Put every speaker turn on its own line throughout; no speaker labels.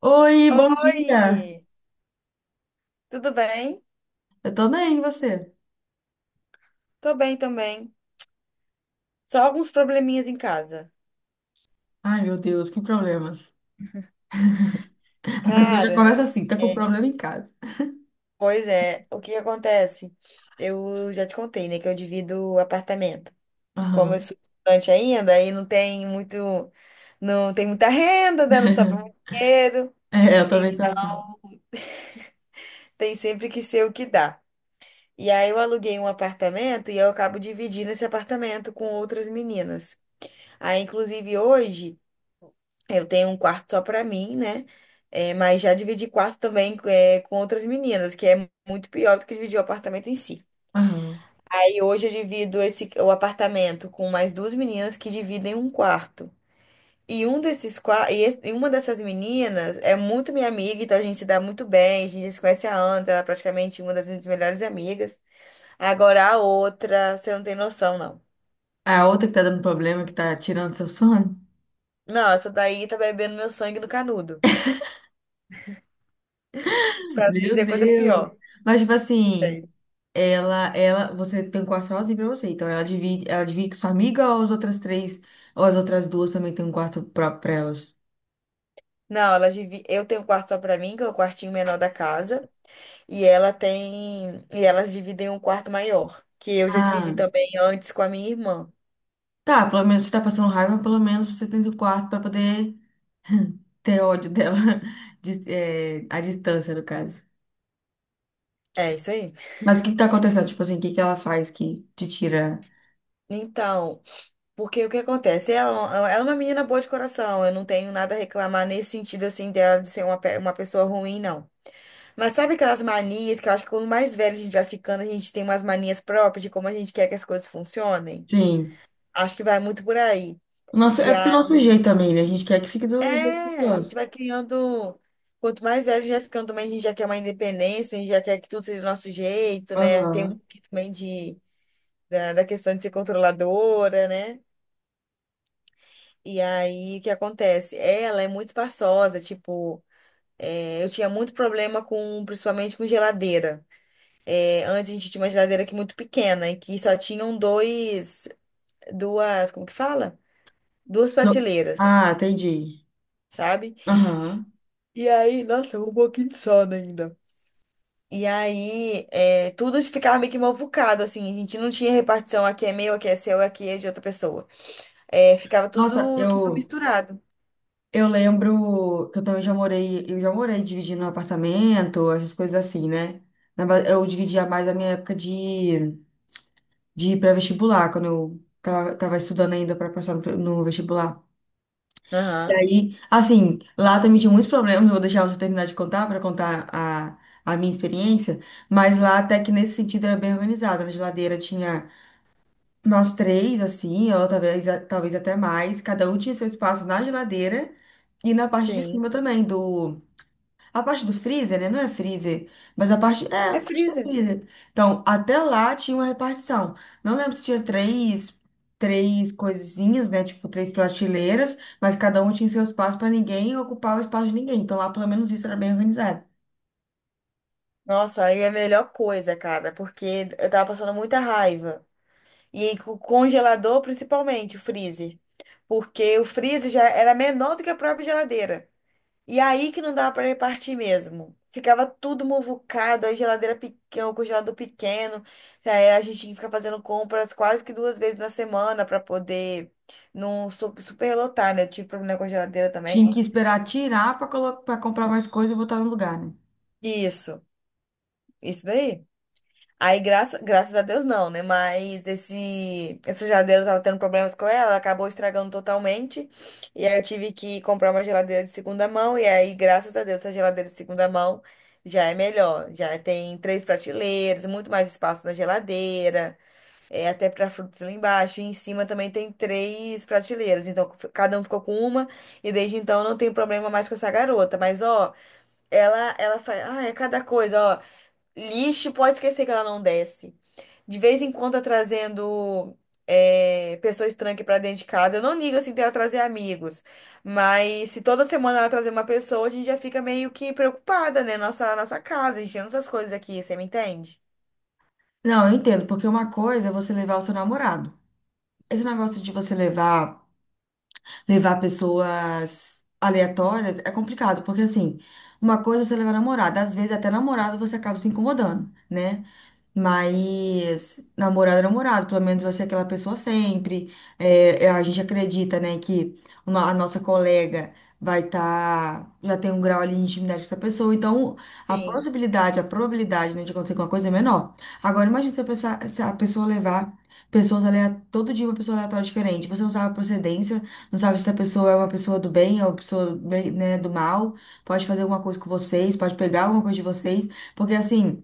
Oi, bom
Oi,
dia.
tudo bem?
Eu tô bem, e você?
Tô bem também. Só alguns probleminhas em casa.
Ai, meu Deus, que problemas. A pessoa já
Cara,
começa assim, tá com
é,
problema em casa.
pois é, o que acontece? Eu já te contei, né, que eu divido apartamento. Como eu
Aham.
sou estudante ainda, aí não tem muito, não tem muita renda, dando só para muito dinheiro.
É, eu também
Em-
sou assim.
tem sempre que ser o que dá. E aí eu aluguei um apartamento e eu acabo dividindo esse apartamento com outras meninas. Aí, inclusive, hoje. Eu tenho um quarto só pra mim, né? É, mas já dividi quarto também é, com outras meninas, que é muito pior do que dividir o apartamento em si.
Aham.
Aí hoje eu divido esse, o apartamento com mais duas meninas que dividem um quarto. E um desses qua- e, esse- e uma dessas meninas é muito minha amiga, então a gente se dá muito bem, a gente já se conhece há anos, ela é praticamente uma das minhas melhores amigas. Agora a outra, você não tem noção, não.
A outra que tá dando problema, que tá tirando seu sono.
Não, essa daí tá bebendo meu sangue no canudo, pra não
Meu
dizer coisa
Deus.
pior.
Mas, tipo assim, ela, você tem um quarto sozinho pra você, então ela divide com sua amiga ou as outras três, ou as outras duas também têm um quarto próprio pra elas?
Não, elas divi... eu tenho um quarto só pra mim, que é o quartinho menor da casa, e ela tem e elas dividem um quarto maior, que eu já dividi
Ah.
também antes com a minha irmã.
Tá, pelo menos você tá passando raiva, pelo menos você tem seu quarto pra poder ter ódio dela, é, à distância, no caso.
É isso aí.
Mas o que que tá acontecendo? Tipo assim, o que que ela faz que te tira?
Então, porque o que acontece? Ela é uma menina boa de coração, eu não tenho nada a reclamar nesse sentido assim dela de ser uma, pe- uma pessoa ruim, não. Mas sabe aquelas manias que eu acho que quando mais velho a gente vai ficando, a gente tem umas manias próprias de como a gente quer que as coisas funcionem?
Sim.
Acho que vai muito por aí.
O nosso,
E
é pro nosso jeito também, né? A gente quer que fique
é,
do jeito que
a gente
gosta.
vai criando. Quanto mais velho a gente vai ficando também, a gente já quer uma independência, a gente já quer que tudo seja do nosso jeito, né? Tem um
Aham.
pouquinho também de, da questão de ser controladora, né? E aí, o que acontece? Ela é muito espaçosa, tipo, é, eu tinha muito problema com, principalmente com geladeira. É, antes a gente tinha uma geladeira aqui muito pequena, e que só tinham dois, duas, como que fala? Duas
Eu-
prateleiras,
Ah, entendi.
sabe?
Aham.
E aí, nossa, um pouquinho de sono ainda. E aí, é, tudo ficava meio que movucado, assim. A gente não tinha repartição, aqui é meu, aqui é seu, aqui é de outra pessoa. É, ficava
Nossa,
tudo, tudo misturado.
eu lembro que eu também já morei, eu já morei dividindo um apartamento, essas coisas assim, né? Eu dividia mais a minha época de pré-vestibular, quando eu tava estudando ainda para passar no vestibular. E
Aham,
aí, assim, lá também tinha muitos problemas, eu vou deixar você terminar de contar para contar a minha experiência, mas lá até que nesse sentido era bem organizado. Na geladeira tinha nós três, assim, ou talvez, talvez até mais, cada um tinha seu espaço na geladeira e na parte de cima
sim.
também do a parte do freezer, né? Não é freezer, mas a parte. É, a
É
parte do
freezer.
freezer. Então, até lá tinha uma repartição. Não lembro se tinha três, três coisinhas, né? Tipo, três prateleiras, mas cada um tinha seu espaço para ninguém ocupar o espaço de ninguém. Então, lá pelo menos isso era bem organizado.
Nossa, aí é a melhor coisa, cara, porque eu tava passando muita raiva. E aí, com o congelador, principalmente, o freezer. Porque o freezer já era menor do que a própria geladeira. E aí que não dava para repartir mesmo. Ficava tudo muvucado, a geladeira pequena, o congelador pequeno. Aí a gente tinha que ficar fazendo compras quase que duas vezes na semana para poder não su- superlotar, né? Eu tive problema com a geladeira
Tinha
também.
que esperar tirar para para comprar mais coisa e botar no lugar, né?
Isso, isso daí. Aí, graça, graças a Deus, não, né? Mas esse, essa geladeira eu tava tendo problemas com ela, ela acabou estragando totalmente. E aí eu tive que comprar uma geladeira de segunda mão. E aí, graças a Deus, essa geladeira de segunda mão já é melhor. Já tem três prateleiras, muito mais espaço na geladeira, é, até para frutas lá embaixo. E em cima também tem três prateleiras. Então, f- cada um ficou com uma. E desde então não tem problema mais com essa garota. Mas, ó, ela faz. Ah, é cada coisa, ó. Lixo, pode esquecer que ela não desce. De vez em quando tá trazendo é, pessoa estranha aqui pra dentro de casa. Eu não ligo assim dela trazer amigos. Mas se toda semana ela trazer uma pessoa, a gente já fica meio que preocupada, né? Nossa, nossa casa, enchendo essas coisas aqui, você me entende?
Não, eu entendo, porque uma coisa é você levar o seu namorado. Esse negócio de você levar. Levar pessoas aleatórias é complicado, porque assim, uma coisa é você levar namorada, às vezes até namorado você acaba se incomodando, né? Mas namorado é namorado, pelo menos vai ser aquela pessoa sempre. É, a gente acredita, né, que o no- a nossa colega vai estar, já tem um grau ali de intimidade com essa pessoa, então a
Sim,
possibilidade, a probabilidade, né, de acontecer alguma coisa é menor. Agora imagina se a pessoa, se a pessoa levar pessoas aleatórias, todo dia uma pessoa aleatória diferente. Você não sabe a procedência, não sabe se essa pessoa é uma pessoa do bem, é uma pessoa, né, do mal, pode fazer alguma coisa com vocês, pode pegar alguma coisa de vocês, porque assim.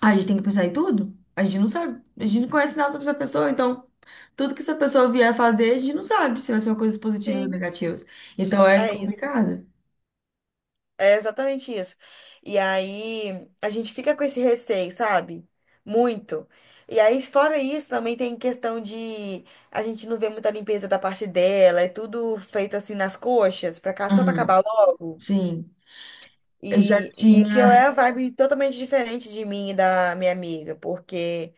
A gente tem que pensar em tudo. A gente não sabe. A gente não conhece nada sobre essa pessoa, então tudo que essa pessoa vier fazer, a gente não sabe se vai ser uma coisa positiva ou
sim,
negativa. Então é
é isso.
complicado.
É exatamente isso. E aí a gente fica com esse receio, sabe? Muito. E aí, fora isso, também tem questão de a gente não vê muita limpeza da parte dela, é tudo feito assim nas coxas, pra cá, só pra
Uhum.
acabar logo.
Sim, eu já
E, e que eu é
tinha.
a vibe totalmente diferente de mim e da minha amiga, porque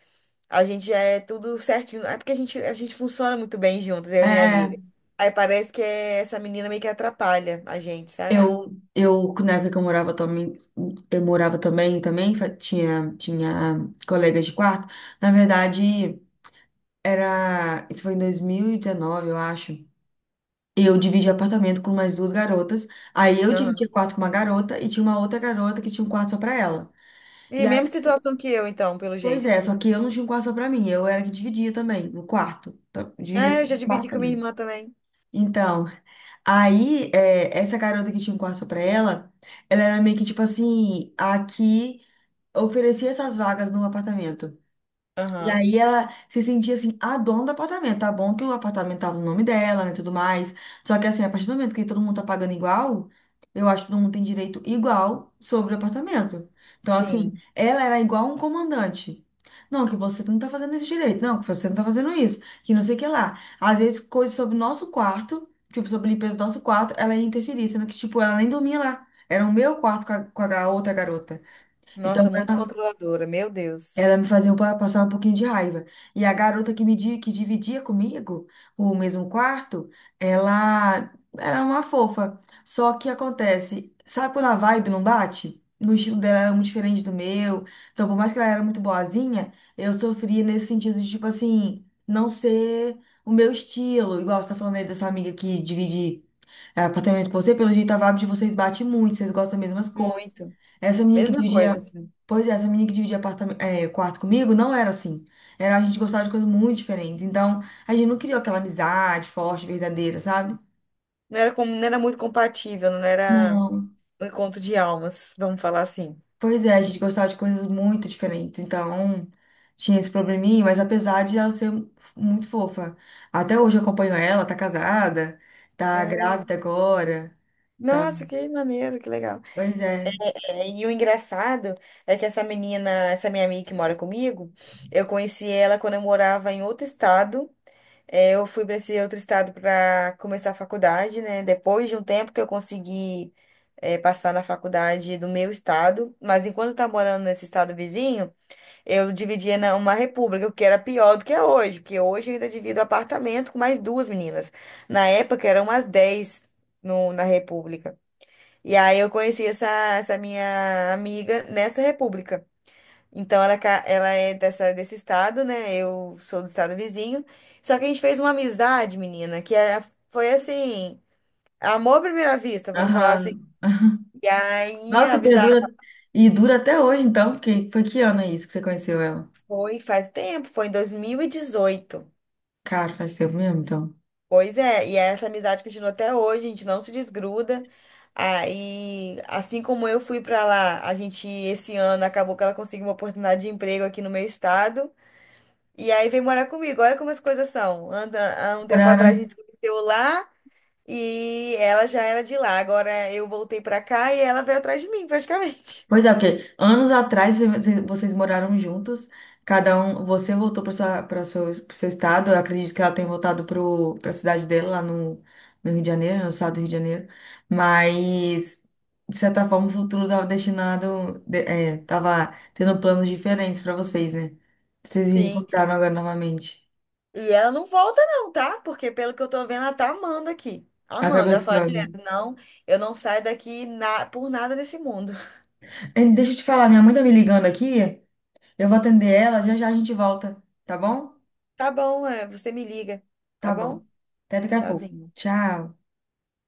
a gente já é tudo certinho. É porque a gente funciona muito bem juntas, eu e minha
É,
amiga. Aí parece que é- essa menina meio que atrapalha a gente, sabe?
eu, na época que eu morava também, tinha colegas de quarto. Na verdade, era. Isso foi em 2019, eu acho. Eu dividi apartamento com mais duas garotas. Aí eu dividia
Aham.
quarto com uma garota e tinha uma outra garota que tinha um quarto só pra ela.
E
E aí,
mesma situação que eu, então, pelo
pois
jeito.
é, só que eu não tinha um quarto só pra mim, eu era que dividia também, no quarto. Tá? Dividia
Ah, eu já
o
dividi
quarto
com minha
também.
irmã também.
Então, aí é, essa garota que tinha um quarto só pra ela, ela era meio que tipo assim, a que oferecia essas vagas no apartamento. E
Aham.
aí ela se sentia assim, a dona do apartamento. Tá bom que o apartamento tava no nome dela, né, tudo mais. Só que assim, a partir do momento que todo mundo tá pagando igual, eu acho que todo mundo tem direito igual sobre o apartamento. Então, assim,
Sim.
ela era igual um comandante. Não, que você não tá fazendo esse direito. Não, que você não tá fazendo isso. Que não sei o que lá. Às vezes, coisas sobre o nosso quarto, tipo, sobre a limpeza do nosso quarto, ela ia interferir, sendo que, tipo, ela nem dormia lá. Era o meu quarto com a outra garota. Então,
Nossa, muito controladora, meu Deus.
ela me fazia um passar um pouquinho de raiva. E a garota que que dividia comigo o mesmo quarto, ela era uma fofa. Só que acontece, sabe quando a vibe não bate? O estilo dela era muito diferente do meu. Então, por mais que ela era muito boazinha, eu sofria nesse sentido de, tipo assim, não ser o meu estilo. Igual você tá falando aí dessa amiga que divide é, apartamento com você, pelo jeito a vibe de vocês bate muito, vocês gostam das mesmas coisas.
Muito.
Essa menina que
Mesma
dividia,
coisa, assim.
pois é, essa menina que dividia apartamento, é, quarto comigo não era assim. Era a gente gostava de coisas muito diferentes. Então, a gente não criou aquela amizade forte, verdadeira, sabe?
Não era, como, não era muito compatível, não era
Não.
um encontro de almas, vamos falar assim.
Pois é, a gente gostava de coisas muito diferentes. Então, tinha esse probleminha, mas apesar de ela ser muito fofa, até hoje eu acompanho ela, tá casada, tá grávida
Hum.
agora, tá.
Nossa, que maneiro, que legal.
Pois é.
É, e o engraçado é que essa menina, essa minha amiga que mora comigo, eu conheci ela quando eu morava em outro estado. É, eu fui para esse outro estado para começar a faculdade, né? Depois de um tempo que eu consegui, é, passar na faculdade do meu estado, mas enquanto eu estava morando nesse estado vizinho, eu dividia na- uma república, o que era pior do que é hoje, porque hoje eu ainda divido apartamento com mais duas meninas. Na época eram umas 10 no, na república. E aí eu conheci essa minha amiga nessa república. Então ela, é ca- ela é dessa, desse estado, né? Eu sou do estado vizinho. Só que a gente fez uma amizade, menina, que é- foi assim, amor à primeira vista, vamos falar assim.
Aham.
E aí a
Nossa,
amizade
e dura até hoje, então, porque foi que ano é isso que você conheceu ela?
foi faz tempo, foi em 2018.
Cara, faz tempo mesmo, então.
Pois é, e essa amizade continua até hoje, a gente não se desgruda. Aí, assim como eu fui pra lá, a gente esse ano acabou que ela conseguiu uma oportunidade de emprego aqui no meu estado. E aí veio morar comigo. Olha como as coisas são. Anda, há um tempo atrás a
Moraram.
gente se conheceu lá e ela já era de lá. Agora eu voltei pra cá e ela veio atrás de mim, praticamente.
Pois é, porque anos atrás vocês moraram juntos, cada um, você voltou para sua, para seu, pro seu estado, eu acredito que ela tenha voltado para a cidade dela lá no, no Rio de Janeiro, no estado do Rio de Janeiro, mas de certa forma o futuro estava destinado, é, tava tendo planos diferentes para vocês, né? Vocês se
Sim.
encontraram agora novamente.
E ela não volta, não, tá? Porque pelo que eu tô vendo, ela tá amando aqui.
Até
Amanda, ela fala
gostando.
direto, não, eu não saio daqui na- por nada nesse mundo.
Deixa eu te falar, minha mãe tá me ligando aqui. Eu vou atender ela, já já a gente volta, tá bom?
Tá bom, é, você me liga, tá
Tá bom.
bom?
Até daqui a pouco.
Tchauzinho.
Tchau.